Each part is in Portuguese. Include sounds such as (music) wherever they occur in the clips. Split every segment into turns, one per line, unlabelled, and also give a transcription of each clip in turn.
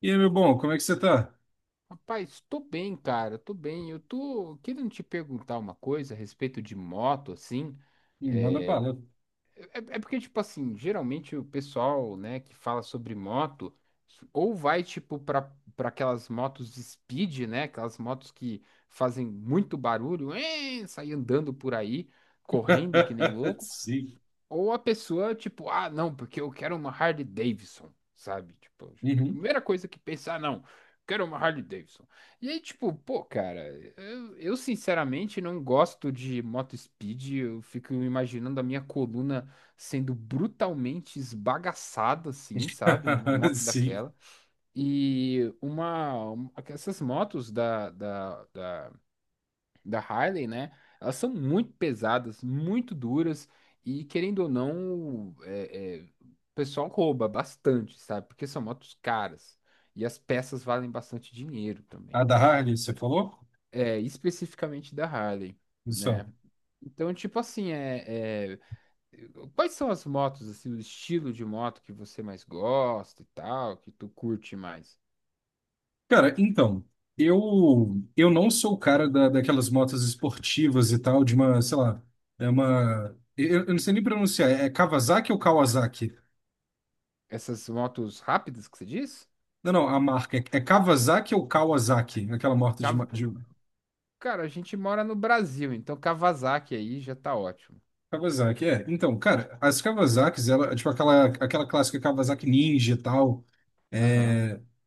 E aí, meu bom, como é que você tá?
Rapaz, tô bem, cara, tô bem. Eu tô querendo te perguntar uma coisa a respeito de moto, assim.
Ih, manda
É,
bala.
é, porque, tipo assim, geralmente o pessoal, né, que fala sobre moto, ou vai, tipo, pra aquelas motos de speed, né, aquelas motos que fazem muito barulho, sai andando por aí, correndo que nem
(laughs)
louco,
Sim.
ou a pessoa, tipo, ah, não, porque eu quero uma Harley Davidson, sabe? Tipo,
Uhum.
primeira coisa que pensar, ah, não, quero uma Harley Davidson. E aí, tipo, pô, cara, eu sinceramente não gosto de moto speed, eu fico imaginando a minha coluna sendo brutalmente esbagaçada, assim, sabe? Numa
(laughs)
moto
Sim.
daquela. Essas motos da Harley, né? Elas são muito pesadas, muito duras e querendo ou não, o pessoal rouba bastante, sabe? Porque são motos caras e as peças valem bastante dinheiro também.
A da Harley, você falou?
É, especificamente da Harley,
Isso.
né? Então, tipo assim, quais são as motos, assim, o estilo de moto que você mais gosta e tal, que tu curte mais?
Cara, então, eu não sou o cara da, daquelas motos esportivas e tal, de uma, sei lá, é uma. Eu não sei nem pronunciar, é Kawasaki ou Kawasaki?
Essas motos rápidas que você diz?
Não, não, a marca é, é Kawasaki ou Kawasaki? Aquela moto de,
Cav-
de.
Cara, a gente mora no Brasil, então Kawasaki aí já tá ótimo.
Kawasaki, é. Então, cara, as Kawasakis, ela, tipo aquela, aquela clássica Kawasaki Ninja e tal.
Aham.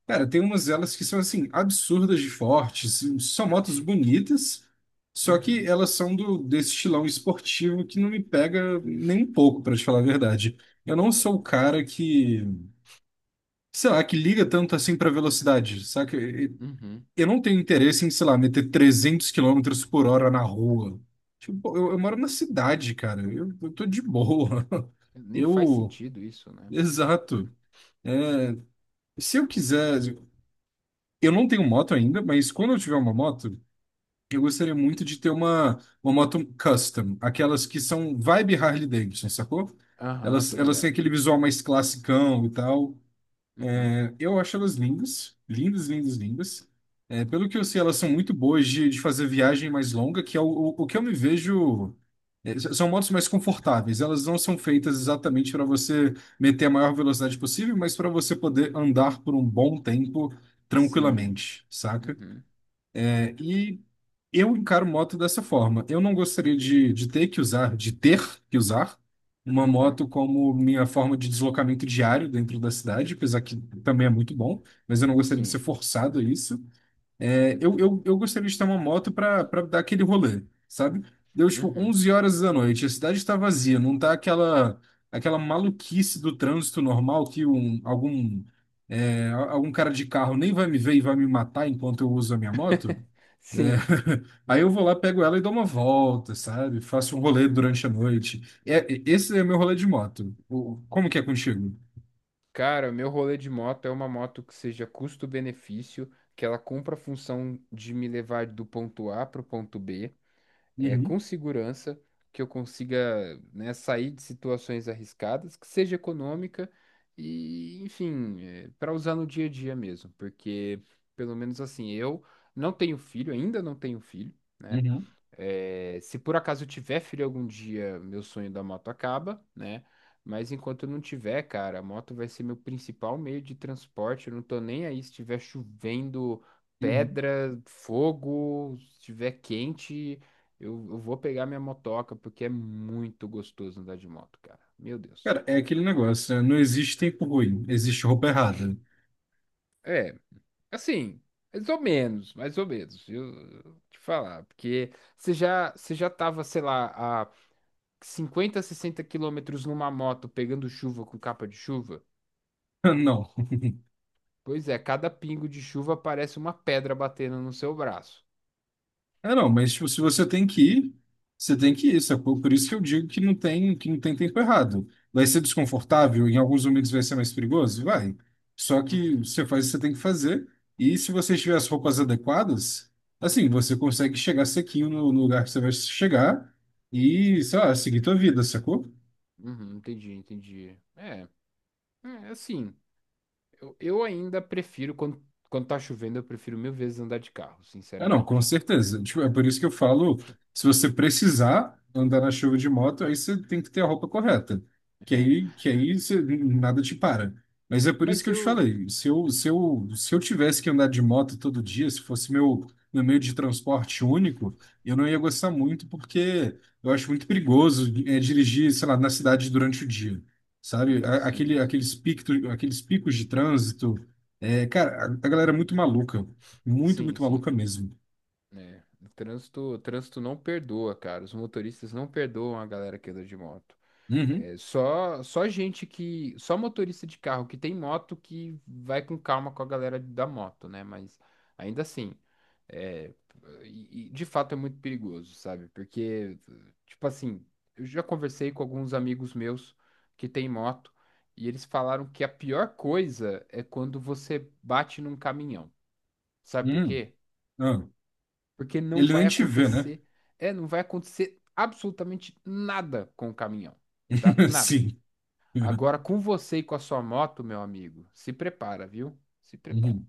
Cara, tem umas delas que são assim, absurdas de fortes, são motos bonitas, só que
Uhum.
elas são do desse estilão esportivo que não me pega nem um pouco, pra te falar a verdade. Eu não
É.
sou o cara que, sei lá, que liga tanto assim pra velocidade, saca? E-
Uhum.
Eu não tenho interesse em, sei lá, meter 300 quilômetros por hora na rua. Tipo, pô, eu moro na cidade, cara, eu tô de boa. (laughs)
Nem faz
Eu,
sentido isso, né?
exato. Se eu quiser, eu não tenho moto ainda, mas quando eu tiver uma moto, eu gostaria muito de ter uma moto custom, aquelas que são vibe Harley Davidson, sacou?
Aham,
Elas,
tô
elas têm
ligado.
aquele visual mais classicão e tal.
Uhum.
É, eu acho elas lindas, lindas, lindas, lindas. É, pelo que eu sei, elas são muito boas de fazer viagem mais longa, que é o que eu me vejo. É, são motos mais confortáveis. Elas não são feitas exatamente para você meter a maior velocidade possível, mas para você poder andar por um bom tempo
Sim.
tranquilamente, saca?
Uhum.
É, e eu encaro moto dessa forma. Eu não gostaria de ter que usar, de ter que usar uma
Uhum.
moto como minha forma de deslocamento diário dentro da cidade, apesar que também é muito bom, mas eu não gostaria de ser
Sim.
forçado a isso. É, eu,
Uhum.
eu, eu gostaria de ter uma moto para dar aquele rolê, sabe? Deu tipo
Uhum.
11 horas da noite, a cidade está vazia, não tá aquela aquela maluquice do trânsito normal que um, algum é, algum cara de carro nem vai me ver e vai me matar enquanto eu uso a minha moto. É,
Sim.
(laughs) aí eu vou lá, pego ela e dou uma volta, sabe? Faço um rolê durante a noite. É, esse é meu rolê de moto. O- Como que é contigo?
Cara, meu rolê de moto é uma moto que seja custo-benefício, que ela cumpra a função de me levar do ponto A pro ponto B,
Uhum,
com segurança, que eu consiga, né, sair de situações arriscadas, que seja econômica e, enfim, para usar no dia a dia mesmo, porque pelo menos assim, eu não tenho filho, ainda não tenho filho, né?
uhum,
É, se por acaso eu tiver filho algum dia, meu sonho da moto acaba, né? Mas enquanto eu não tiver, cara, a moto vai ser meu principal meio de transporte. Eu não tô nem aí se estiver chovendo
uhum.
pedra, fogo, se estiver quente, eu vou pegar minha motoca, porque é muito gostoso andar de moto, cara. Meu Deus.
Cara, é aquele negócio, né? Não existe tempo ruim, existe roupa errada.
É, assim, mais ou menos, viu? Eu te falar, porque você já tava, sei lá, 50 60 quilômetros numa moto pegando chuva com capa de chuva?
(laughs) Não.
Pois é, cada pingo de chuva parece uma pedra batendo no seu braço.
É, não, mas tipo, se você tem que ir, você tem que ir, sacou? Por isso que eu digo que não tem tempo errado. Vai ser desconfortável, em alguns momentos vai ser mais perigoso? Vai. Só que
Uhum,
você faz o que você tem que fazer, e se você tiver as roupas adequadas, assim, você consegue chegar sequinho no, no lugar que você vai chegar e, sei lá, seguir tua vida, sacou?
uhum, entendi, entendi. É, é assim, eu ainda prefiro, quando tá chovendo, eu prefiro mil vezes andar de carro,
Ah, não, com
sinceramente.
certeza. Tipo, é por isso que eu falo, se você precisar andar na chuva de moto, aí você tem que ter a roupa correta,
É,
que aí você- nada te para. Mas é por isso
mas
que eu te
eu.
falei, se eu tivesse que andar de moto todo dia, se fosse meu, meu meio de transporte único, eu não ia gostar muito, porque eu acho muito perigoso é, dirigir, sei lá, na cidade durante o dia, sabe? A-
Sim,
Aquele,
sim.
aqueles picos de trânsito, é, cara, a galera é muito maluca, muito,
Sim,
muito
sim.
maluca mesmo.
É, o trânsito não perdoa, cara. Os motoristas não perdoam a galera que anda de moto.
Uhum,
É só gente que. Só motorista de carro que tem moto que vai com calma com a galera da moto, né? Mas ainda assim, é, e de fato é muito perigoso, sabe? Porque, tipo assim, eu, já conversei com alguns amigos meus que têm moto e eles falaram que a pior coisa é quando você bate num caminhão. Sabe por
uhum,
quê?
ah.
Porque não
Ele
vai
nem te vê, né?
acontecer. É, não vai acontecer absolutamente nada com o caminhão, tá?
(laughs)
Nada.
Sim.
Agora, com você e com a sua moto, meu amigo, se prepara, viu? Se prepara,
Uhum.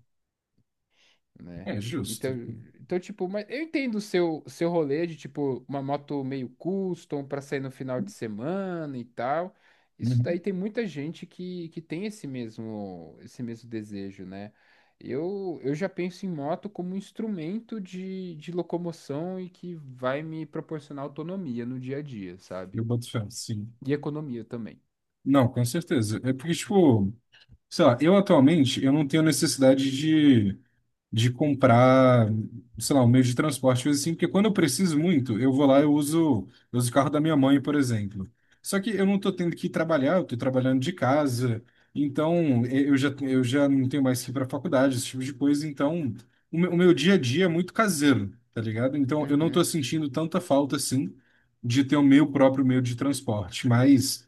né?
É justo.
Então, então tipo, mas eu entendo o seu, seu rolê de, tipo, uma moto meio custom pra sair no final de semana e tal. Isso
Uhum.
daí tem muita gente que tem esse mesmo desejo, né? Eu já penso em moto como um instrumento de locomoção e que vai me proporcionar autonomia no dia a dia, sabe?
Eu boto fé, sim.
E economia também.
Não, com certeza. É porque, tipo, sei lá, eu atualmente eu não tenho necessidade de comprar, sei lá, um meio de transporte, coisa assim, porque quando eu preciso muito, eu vou lá, eu uso o carro da minha mãe, por exemplo. Só que eu não estou tendo que ir trabalhar, eu estou trabalhando de casa, então eh, eu já não tenho mais que ir para a faculdade, esse tipo de coisa, então o meu dia a dia é muito caseiro, tá ligado? Então eu não estou
Uhum,
sentindo tanta falta assim de ter o meu próprio meio de transporte, mas.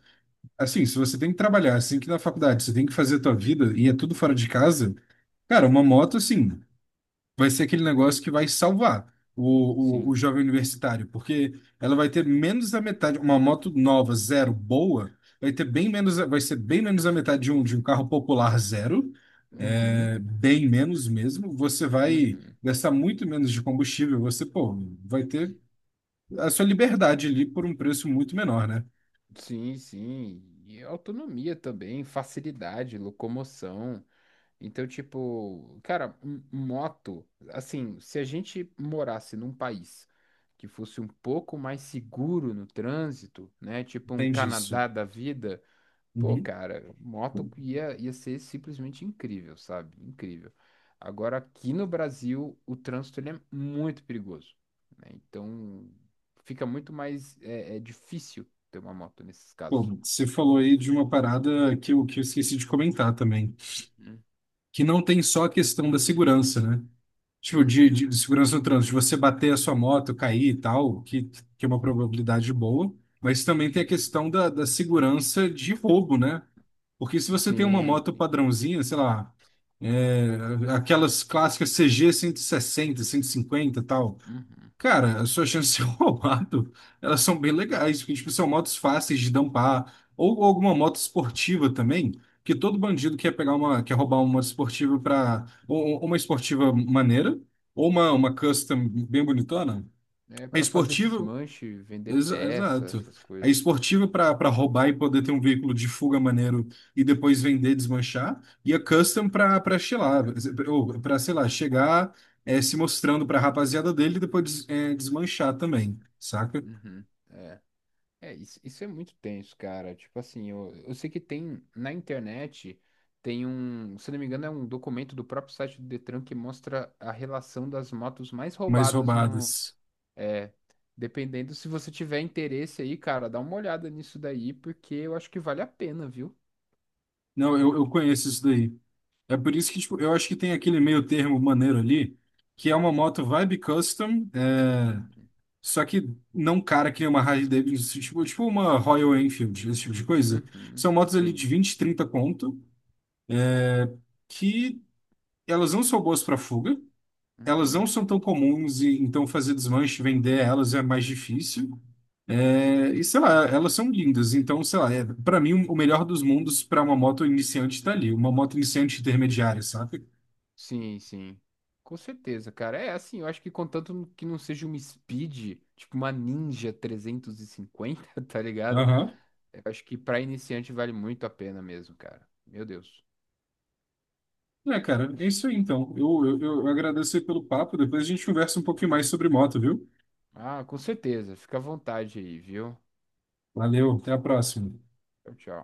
Assim, se você tem que trabalhar, assim que na faculdade, você tem que fazer a tua vida e é tudo fora de casa, cara, uma moto, assim, vai ser aquele negócio que vai salvar o
sim.
jovem universitário, porque ela vai ter menos da metade, uma moto nova, zero, boa, vai ter bem menos, vai ser bem menos da metade de um carro popular zero,
Uhum.
é, bem menos mesmo. Você vai
Uhum.
gastar muito menos de combustível, você, pô, vai ter a sua liberdade ali por um preço muito menor, né?
Sim, sim. E autonomia também, facilidade, locomoção. Então, tipo, cara, moto, assim, se a gente morasse num país que fosse um pouco mais seguro no trânsito, né? Tipo um
Entende isso.
Canadá da vida, pô,
Uhum.
cara, moto ia ser simplesmente incrível, sabe? Incrível. Agora, aqui no Brasil, o trânsito ele é muito perigoso, né? Então, fica muito mais difícil ter uma moto nesses
Pô,
casos.
você falou aí de uma parada que eu esqueci de comentar também,
Uhum,
que não tem só a questão da segurança, né? Tipo,
uhum,
de segurança no trânsito, de você bater a sua moto, cair e tal, que é uma probabilidade boa, mas também tem a
uhum.
questão da, da segurança de roubo, né? Porque se você tem uma
Sim,
moto
sim.
padrãozinha, sei lá, é, aquelas clássicas CG 160, 150 e sessenta, cento e cinquenta e tal,
Uhum.
cara, as suas chances de ser (laughs) roubado, elas são bem legais, porque, tipo, são motos fáceis de dampar, ou alguma moto esportiva também, que todo bandido quer pegar uma, quer roubar uma esportiva para ou uma esportiva maneira, ou uma custom bem bonitona.
É
É
para fazer
esportiva,
desmanche, vender
Exa-
peça,
Exato.
essas
A
coisas.
esportiva para roubar e poder ter um veículo de fuga maneiro e depois vender, desmanchar, e a custom para chilar, ou para, sei lá, chegar é, se mostrando para a rapaziada dele e depois é, desmanchar também, saca?
Uhum. É. É, isso é muito tenso, cara. Tipo assim, eu sei que tem na internet, tem um, se não me engano, é um documento do próprio site do Detran que mostra a relação das motos mais
Mais
roubadas no.
roubadas.
É, dependendo, se você tiver interesse aí, cara, dá uma olhada nisso daí, porque eu acho que vale a pena, viu?
Não, eu conheço isso daí. É por isso que tipo, eu acho que tem aquele meio termo maneiro ali, que é uma moto vibe custom,
Uhum,
é, só que não um cara que nem uma Harley Davidson, tipo, tipo uma Royal Enfield, esse tipo de coisa.
uhum,
São motos ali
sim.
de 20, 30 conto, que elas não são boas para fuga, elas não
Uhum.
são tão comuns, e então fazer desmanche, vender elas é mais difícil. É, e sei lá, elas são lindas, então sei lá, é, para mim o melhor dos mundos para uma moto iniciante tá ali, uma moto iniciante intermediária, sabe?
Sim, sim. Com certeza, cara. É assim, eu acho que contanto que não seja uma Speed, tipo uma Ninja 350, (laughs) tá ligado?
Aham.
Eu acho que para iniciante vale muito a pena mesmo, cara. Meu Deus.
É, cara, é isso aí então. Eu agradeço aí pelo papo, depois a gente conversa um pouquinho mais sobre moto, viu?
Ah, com certeza. Fica à vontade aí, viu?
Valeu, até a próxima.
Tchau, tchau.